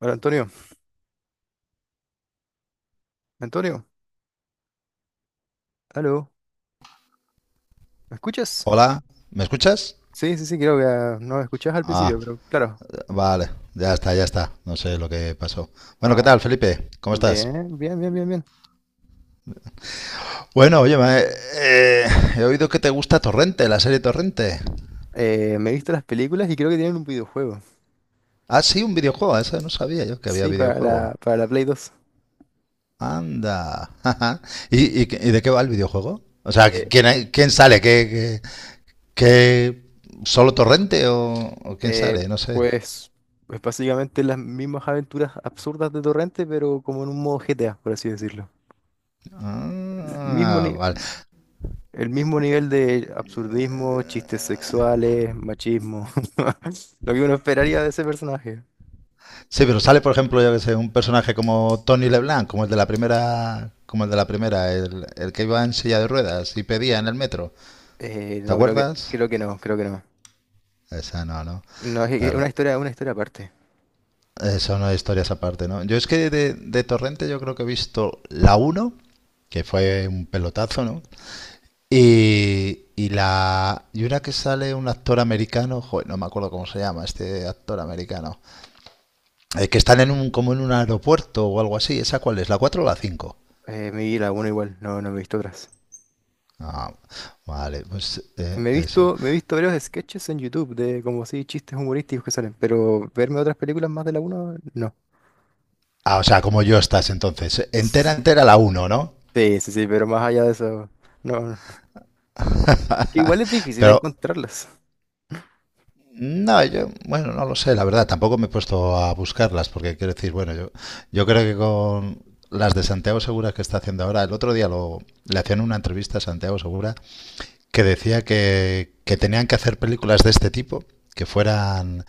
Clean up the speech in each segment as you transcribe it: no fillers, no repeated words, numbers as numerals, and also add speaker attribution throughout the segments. Speaker 1: Hola Antonio, Antonio, aló, ¿me escuchas?
Speaker 2: Hola, ¿me escuchas?
Speaker 1: Sí, sí, sí, creo que no me escuchabas al
Speaker 2: Ah,
Speaker 1: principio, pero claro.
Speaker 2: vale, ya está, ya está. No sé lo que pasó. Bueno, ¿qué
Speaker 1: Ah,
Speaker 2: tal, Felipe? ¿Cómo estás?
Speaker 1: Bien, bien, bien, bien, bien.
Speaker 2: Bueno, oye, he oído que te gusta Torrente, la serie Torrente.
Speaker 1: Me he visto las películas y creo que tienen un videojuego.
Speaker 2: Ah, sí, un videojuego, eso no sabía yo que había
Speaker 1: Sí,
Speaker 2: videojuego.
Speaker 1: para la Play 2.
Speaker 2: Anda. ¿Y de qué va el videojuego? O sea,
Speaker 1: Eh,
Speaker 2: ¿quién sale? Qué- solo Torrente o quién
Speaker 1: eh,
Speaker 2: sale? No sé.
Speaker 1: pues, pues básicamente las mismas aventuras absurdas de Torrente, pero como en un modo GTA, por así decirlo. El mismo,
Speaker 2: Ah,
Speaker 1: ni-
Speaker 2: vale.
Speaker 1: El mismo nivel de absurdismo, chistes sexuales, machismo, lo que uno esperaría de ese personaje.
Speaker 2: Sí, pero sale, por ejemplo, yo que sé, un personaje como Tony LeBlanc, como el de la primera, como el de la primera, el que iba en silla de ruedas y pedía en el metro. ¿Te
Speaker 1: No creo que,
Speaker 2: acuerdas?
Speaker 1: Creo que no, creo que no.
Speaker 2: Esa no, ¿no?
Speaker 1: No, es que
Speaker 2: Claro.
Speaker 1: una historia aparte.
Speaker 2: Eso no historias aparte, ¿no? Yo es que de Torrente yo creo que he visto la uno, que fue un pelotazo, ¿no? Y una que sale un actor americano, joder, no me acuerdo cómo se llama este actor americano, que están en un como en un aeropuerto o algo así, ¿esa cuál es? ¿La 4 o la cinco?
Speaker 1: Me vi la uno igual, no, no me he visto otras.
Speaker 2: Ah, vale, pues eso.
Speaker 1: Me he visto varios sketches en YouTube de como así chistes humorísticos que salen, pero verme otras películas más de la uno no.
Speaker 2: Ah, o sea, como yo estás entonces. Entera,
Speaker 1: Sí,
Speaker 2: entera la uno, ¿no?
Speaker 1: sí, sí, pero más allá de eso, no. No. Es que igual es difícil
Speaker 2: Pero
Speaker 1: encontrarlas.
Speaker 2: no, yo, bueno, no lo sé, la verdad, tampoco me he puesto a buscarlas, porque quiero decir, bueno, yo creo que con las de Santiago Segura que está haciendo ahora, el otro día le hacían una entrevista a Santiago Segura que decía que tenían que hacer películas de este tipo, que fueran,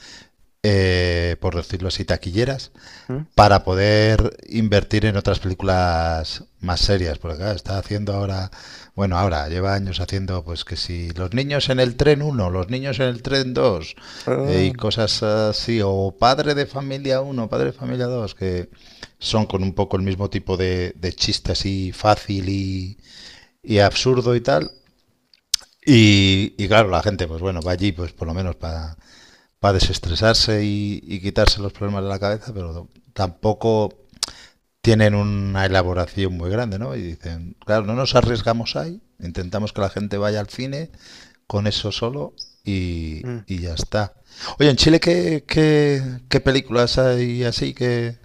Speaker 2: por decirlo así, taquilleras,
Speaker 1: ¿Mm?
Speaker 2: para poder invertir en otras películas más serias, porque claro, está haciendo ahora, bueno, ahora lleva años haciendo pues que si los niños en el tren uno, los niños en el tren dos, y
Speaker 1: Ah,
Speaker 2: cosas así, o padre de familia uno, padre de familia 2, que son con un poco el mismo tipo de chiste así fácil y absurdo y tal. Claro, la gente pues bueno, va allí pues por lo menos para desestresarse y quitarse los problemas de la cabeza, pero tampoco tienen una elaboración muy grande, ¿no? Y dicen, claro, no nos arriesgamos ahí, intentamos que la gente vaya al cine con eso solo y,
Speaker 1: mm.
Speaker 2: y ya está. Oye, en Chile, ¿qué películas hay así que,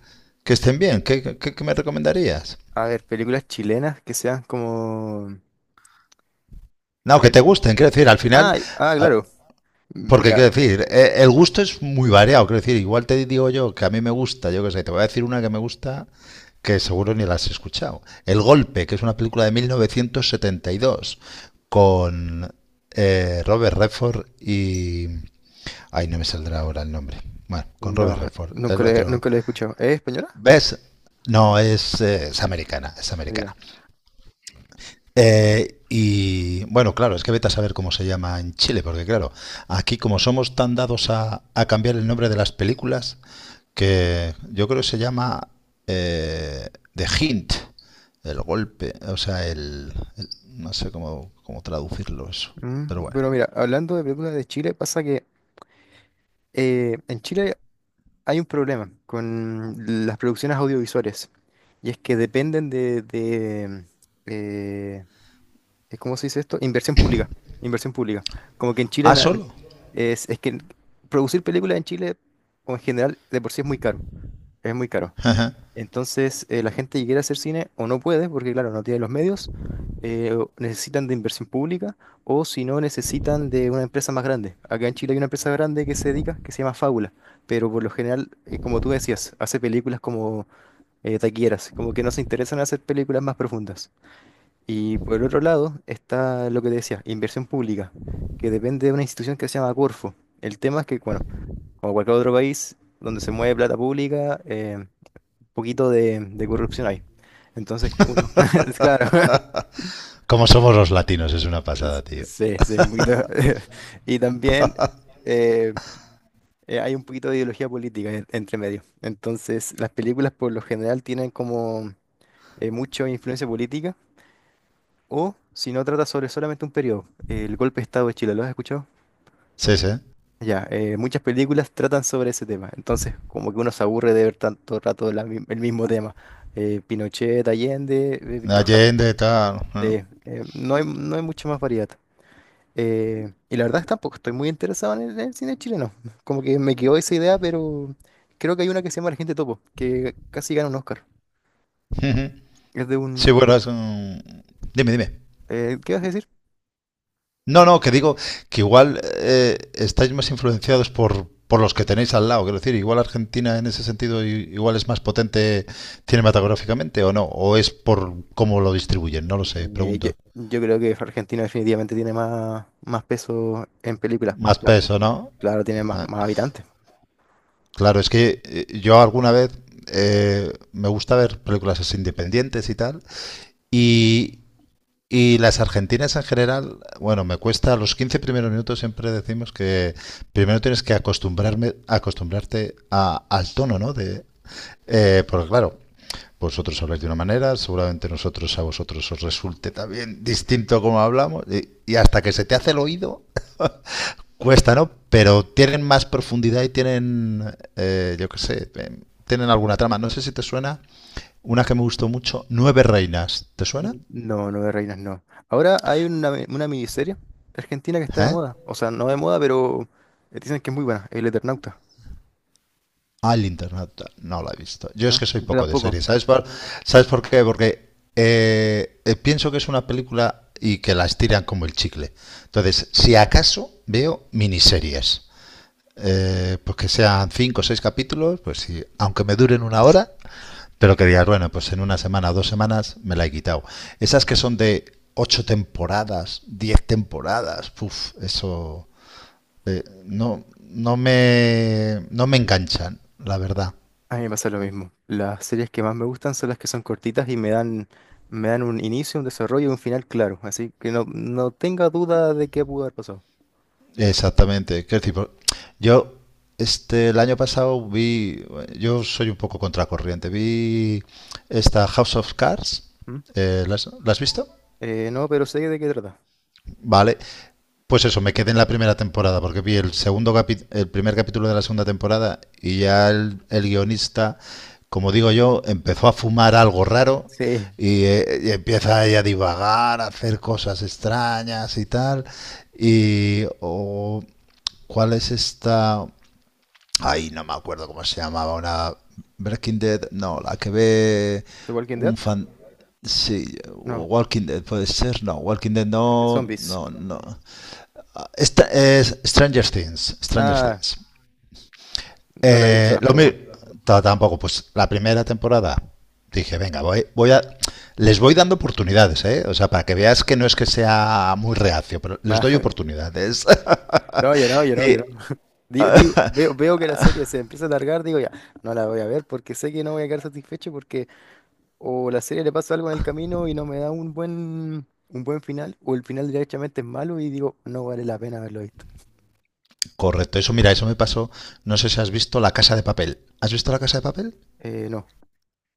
Speaker 2: que estén bien? ¿Qué me recomendarías?
Speaker 1: A ver, películas chilenas que sean como. A
Speaker 2: No, que
Speaker 1: ver,
Speaker 2: te
Speaker 1: mira.
Speaker 2: gusten, quiero decir, al final,
Speaker 1: Ah, ah, claro.
Speaker 2: porque
Speaker 1: Mira,
Speaker 2: quiero decir, el gusto es muy variado, quiero decir, igual te digo yo que a mí me gusta, yo qué sé, te voy a decir una que me gusta que seguro ni la has escuchado. El Golpe, que es una película de 1972 con Robert Redford y... Ay, no me saldrá ahora el nombre. Bueno, con
Speaker 1: no,
Speaker 2: Robert Redford. El otro...
Speaker 1: nunca lo he escuchado. ¿Es española?
Speaker 2: ¿Ves? No, es americana, es americana. Y bueno, claro, es que vete a saber cómo se llama en Chile, porque claro, aquí como somos tan dados a cambiar el nombre de las películas, que yo creo que se llama The Hint, el golpe, o sea, no sé cómo traducirlo eso,
Speaker 1: Mm,
Speaker 2: pero bueno.
Speaker 1: pero mira, hablando de películas de Chile, pasa que en Chile hay un problema con las producciones audiovisuales. Y es que dependen de, eh, ¿cómo se dice esto? Inversión pública. Inversión pública. Como que en Chile
Speaker 2: Ah,
Speaker 1: na-
Speaker 2: solo.
Speaker 1: Es que producir películas en Chile, o en general, de por sí es muy caro. Es muy caro. Entonces, la gente que quiere hacer cine o no puede, porque claro, no tiene los medios, o necesitan de inversión pública, o si no, necesitan de una empresa más grande. Acá en Chile hay una empresa grande que se dedica, que se llama Fábula, pero por lo general, como tú decías, hace películas como taquilleras, como que no se interesan en hacer películas más profundas. Y por el otro lado está lo que te decía, inversión pública, que depende de una institución que se llama Corfo. El tema es que, bueno, como cualquier otro país donde se mueve plata pública, poquito de corrupción ahí. Entonces, uno, es claro,
Speaker 2: Como somos los latinos, es una pasada, tío.
Speaker 1: sí, sí, un poquito. Y también eh, hay un poquito de ideología política entre medio. Entonces, las películas por lo general tienen como mucha influencia política, o si no, trata sobre solamente un periodo. El golpe de Estado de Chile, ¿lo has escuchado?
Speaker 2: Sí, sí.
Speaker 1: Ya, muchas películas tratan sobre ese tema. Entonces, como que uno se aburre de ver tanto rato el mismo tema. Pinochet, Allende, Víctor
Speaker 2: Allende, tal.
Speaker 1: sí, no hay mucha más variedad. Y la verdad es que tampoco estoy muy interesado en el cine chileno. Como que me quedó esa idea, pero creo que hay una que se llama La gente Topo, que casi gana un Oscar.
Speaker 2: ¿Eh?
Speaker 1: Es de
Speaker 2: Sí,
Speaker 1: un...
Speaker 2: bueno, es un... Dime, dime.
Speaker 1: ¿qué vas a decir?
Speaker 2: No, no, que digo que igual estáis más influenciados por los que tenéis al lado. Quiero decir, igual Argentina en ese sentido igual es más potente cinematográficamente o no, o es por cómo lo distribuyen, no lo sé, pregunto.
Speaker 1: Yo creo que Argentina definitivamente tiene más, más peso en películas.
Speaker 2: Más
Speaker 1: Claro,
Speaker 2: peso, ¿no?
Speaker 1: claro, tiene más,
Speaker 2: Ah,
Speaker 1: más habitantes.
Speaker 2: claro, es que yo alguna vez me gusta ver películas así independientes y tal, y, y las argentinas en general, bueno, me cuesta los 15 primeros minutos, siempre decimos que primero tienes que acostumbrarte al tono, ¿no? Porque claro, vosotros habláis de una manera, seguramente nosotros a vosotros os resulte también distinto como hablamos, y hasta que se te hace el oído, cuesta, ¿no? Pero tienen más profundidad y tienen, yo qué sé, tienen alguna trama. No sé si te suena una que me gustó mucho, Nueve Reinas, ¿te suena?
Speaker 1: Mm. No, no de reinas, no. Ahora hay una, mi- Una miniserie argentina que está de
Speaker 2: ¿Eh?
Speaker 1: moda. O sea, no de moda, pero dicen que es muy buena, El Eternauta,
Speaker 2: Al el internauta, no la he visto. Yo es
Speaker 1: ¿no?
Speaker 2: que soy
Speaker 1: Yo
Speaker 2: poco de
Speaker 1: tampoco.
Speaker 2: serie. ¿Sabes por qué? Porque pienso que es una película y que la estiran como el chicle. Entonces, si acaso veo miniseries, pues que sean cinco o seis capítulos, pues sí, aunque me duren una hora, pero que digas, bueno, pues en una semana o 2 semanas me la he quitado. Esas que son de 8 temporadas, 10 temporadas, puf, eso no, no me enganchan, la verdad.
Speaker 1: A mí me pasa lo mismo. Las series que más me gustan son las que son cortitas y me dan un inicio, un desarrollo y un final claro. Así que no, no tenga duda de qué pudo haber pasado.
Speaker 2: Exactamente. Quiero
Speaker 1: Sí.
Speaker 2: decir, yo este el año pasado vi, yo soy un poco contracorriente, vi esta House of Cards.
Speaker 1: ¿Mm?
Speaker 2: ¿La has visto?
Speaker 1: No, pero sé de qué trata.
Speaker 2: Vale. Pues eso, me quedé en la primera temporada porque vi el primer capítulo de la segunda temporada y ya el guionista, como digo yo, empezó a fumar algo raro
Speaker 1: Sí.
Speaker 2: y empieza ella a divagar, a hacer cosas extrañas y tal. Y o- ¿Cuál es esta? Ay, no me acuerdo cómo se llamaba. Una Breaking Dead, no, la que ve
Speaker 1: ¿De Walking Dead?
Speaker 2: un fan. Sí, o
Speaker 1: No.
Speaker 2: Walking Dead puede ser, no, Walking Dead
Speaker 1: Es de
Speaker 2: no,
Speaker 1: zombies.
Speaker 2: no, no. Esta es Stranger Things, Stranger
Speaker 1: Ah,
Speaker 2: Things.
Speaker 1: no la he visto
Speaker 2: Lo
Speaker 1: tampoco.
Speaker 2: mismo, tampoco, pues la primera temporada dije, venga, les voy dando oportunidades, ¿eh? O sea, para que veas que no es que sea muy reacio, pero les doy
Speaker 1: Ah,
Speaker 2: oportunidades.
Speaker 1: no, yo no, yo no,
Speaker 2: y
Speaker 1: yo no. Veo que la serie se empieza a alargar, digo ya, no la voy a ver porque sé que no voy a quedar satisfecho porque o la serie le pasa algo en el camino y no me da un buen final, o el final directamente es malo y digo, no vale la pena haberlo visto.
Speaker 2: Correcto, eso mira, eso me pasó, no sé si has visto La Casa de Papel. ¿Has visto La Casa de Papel?
Speaker 1: No.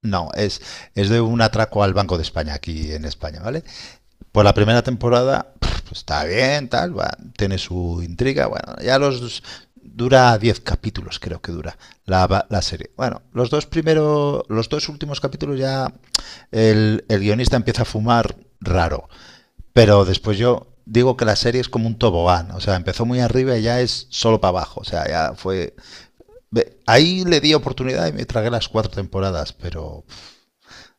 Speaker 2: No, es de un atraco al Banco de España, aquí en España, ¿vale? Pues la primera temporada pues, está bien, tal, va, tiene su intriga, bueno, ya los... Dura 10 capítulos, creo que dura la serie. Bueno, los dos primeros, los dos últimos capítulos ya el guionista empieza a fumar raro. Pero después yo digo que la serie es como un tobogán, o sea, empezó muy arriba y ya es solo para abajo, o sea, ya fue. Ahí le di oportunidad y me tragué las 4 temporadas, pero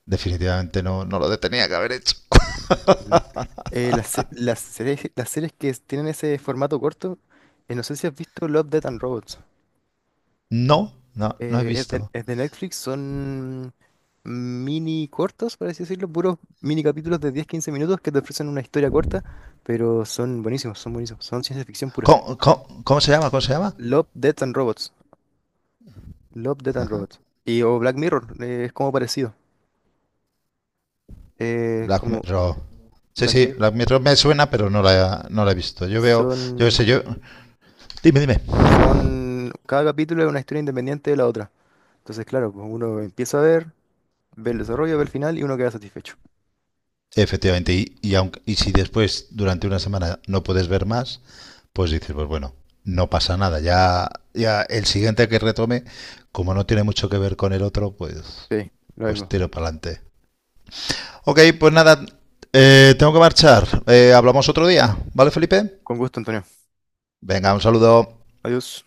Speaker 2: definitivamente no lo tenía que haber hecho.
Speaker 1: Mm. Las series, las series que tienen ese formato corto, no sé si has visto Love, Death and Robots.
Speaker 2: No, no, no he
Speaker 1: Es
Speaker 2: visto.
Speaker 1: de, es de Netflix, son mini cortos, por así decirlo, puros mini capítulos de 10 15 minutos que te ofrecen una historia corta, pero son buenísimos, son buenísimos, son ciencia ficción pura.
Speaker 2: ¿Cómo se llama? ¿Cómo se llama?
Speaker 1: Love, Death and Robots. Love, Death and Robots. Y o Black Mirror, es como parecido. Eh,
Speaker 2: Black
Speaker 1: como
Speaker 2: Mirror. Sí,
Speaker 1: Black
Speaker 2: sí,
Speaker 1: Mirror
Speaker 2: Black Mirror me suena, pero no la he visto. Yo veo, yo
Speaker 1: son,
Speaker 2: sé, yo... Dime, dime.
Speaker 1: son, cada capítulo es una historia independiente de la otra. Entonces, claro, pues uno empieza a ver, ve el desarrollo, ve el final y uno queda satisfecho.
Speaker 2: Efectivamente, y si después, durante una semana, no puedes ver más, pues dices, pues bueno, no pasa nada. Ya el siguiente que retome, como no tiene mucho que ver con el otro, pues,
Speaker 1: Sí, lo
Speaker 2: pues
Speaker 1: mismo.
Speaker 2: tiro para adelante. Ok, pues nada, tengo que marchar. Hablamos otro día, ¿vale, Felipe?
Speaker 1: Con gusto, Antonio.
Speaker 2: Venga, un saludo.
Speaker 1: Adiós.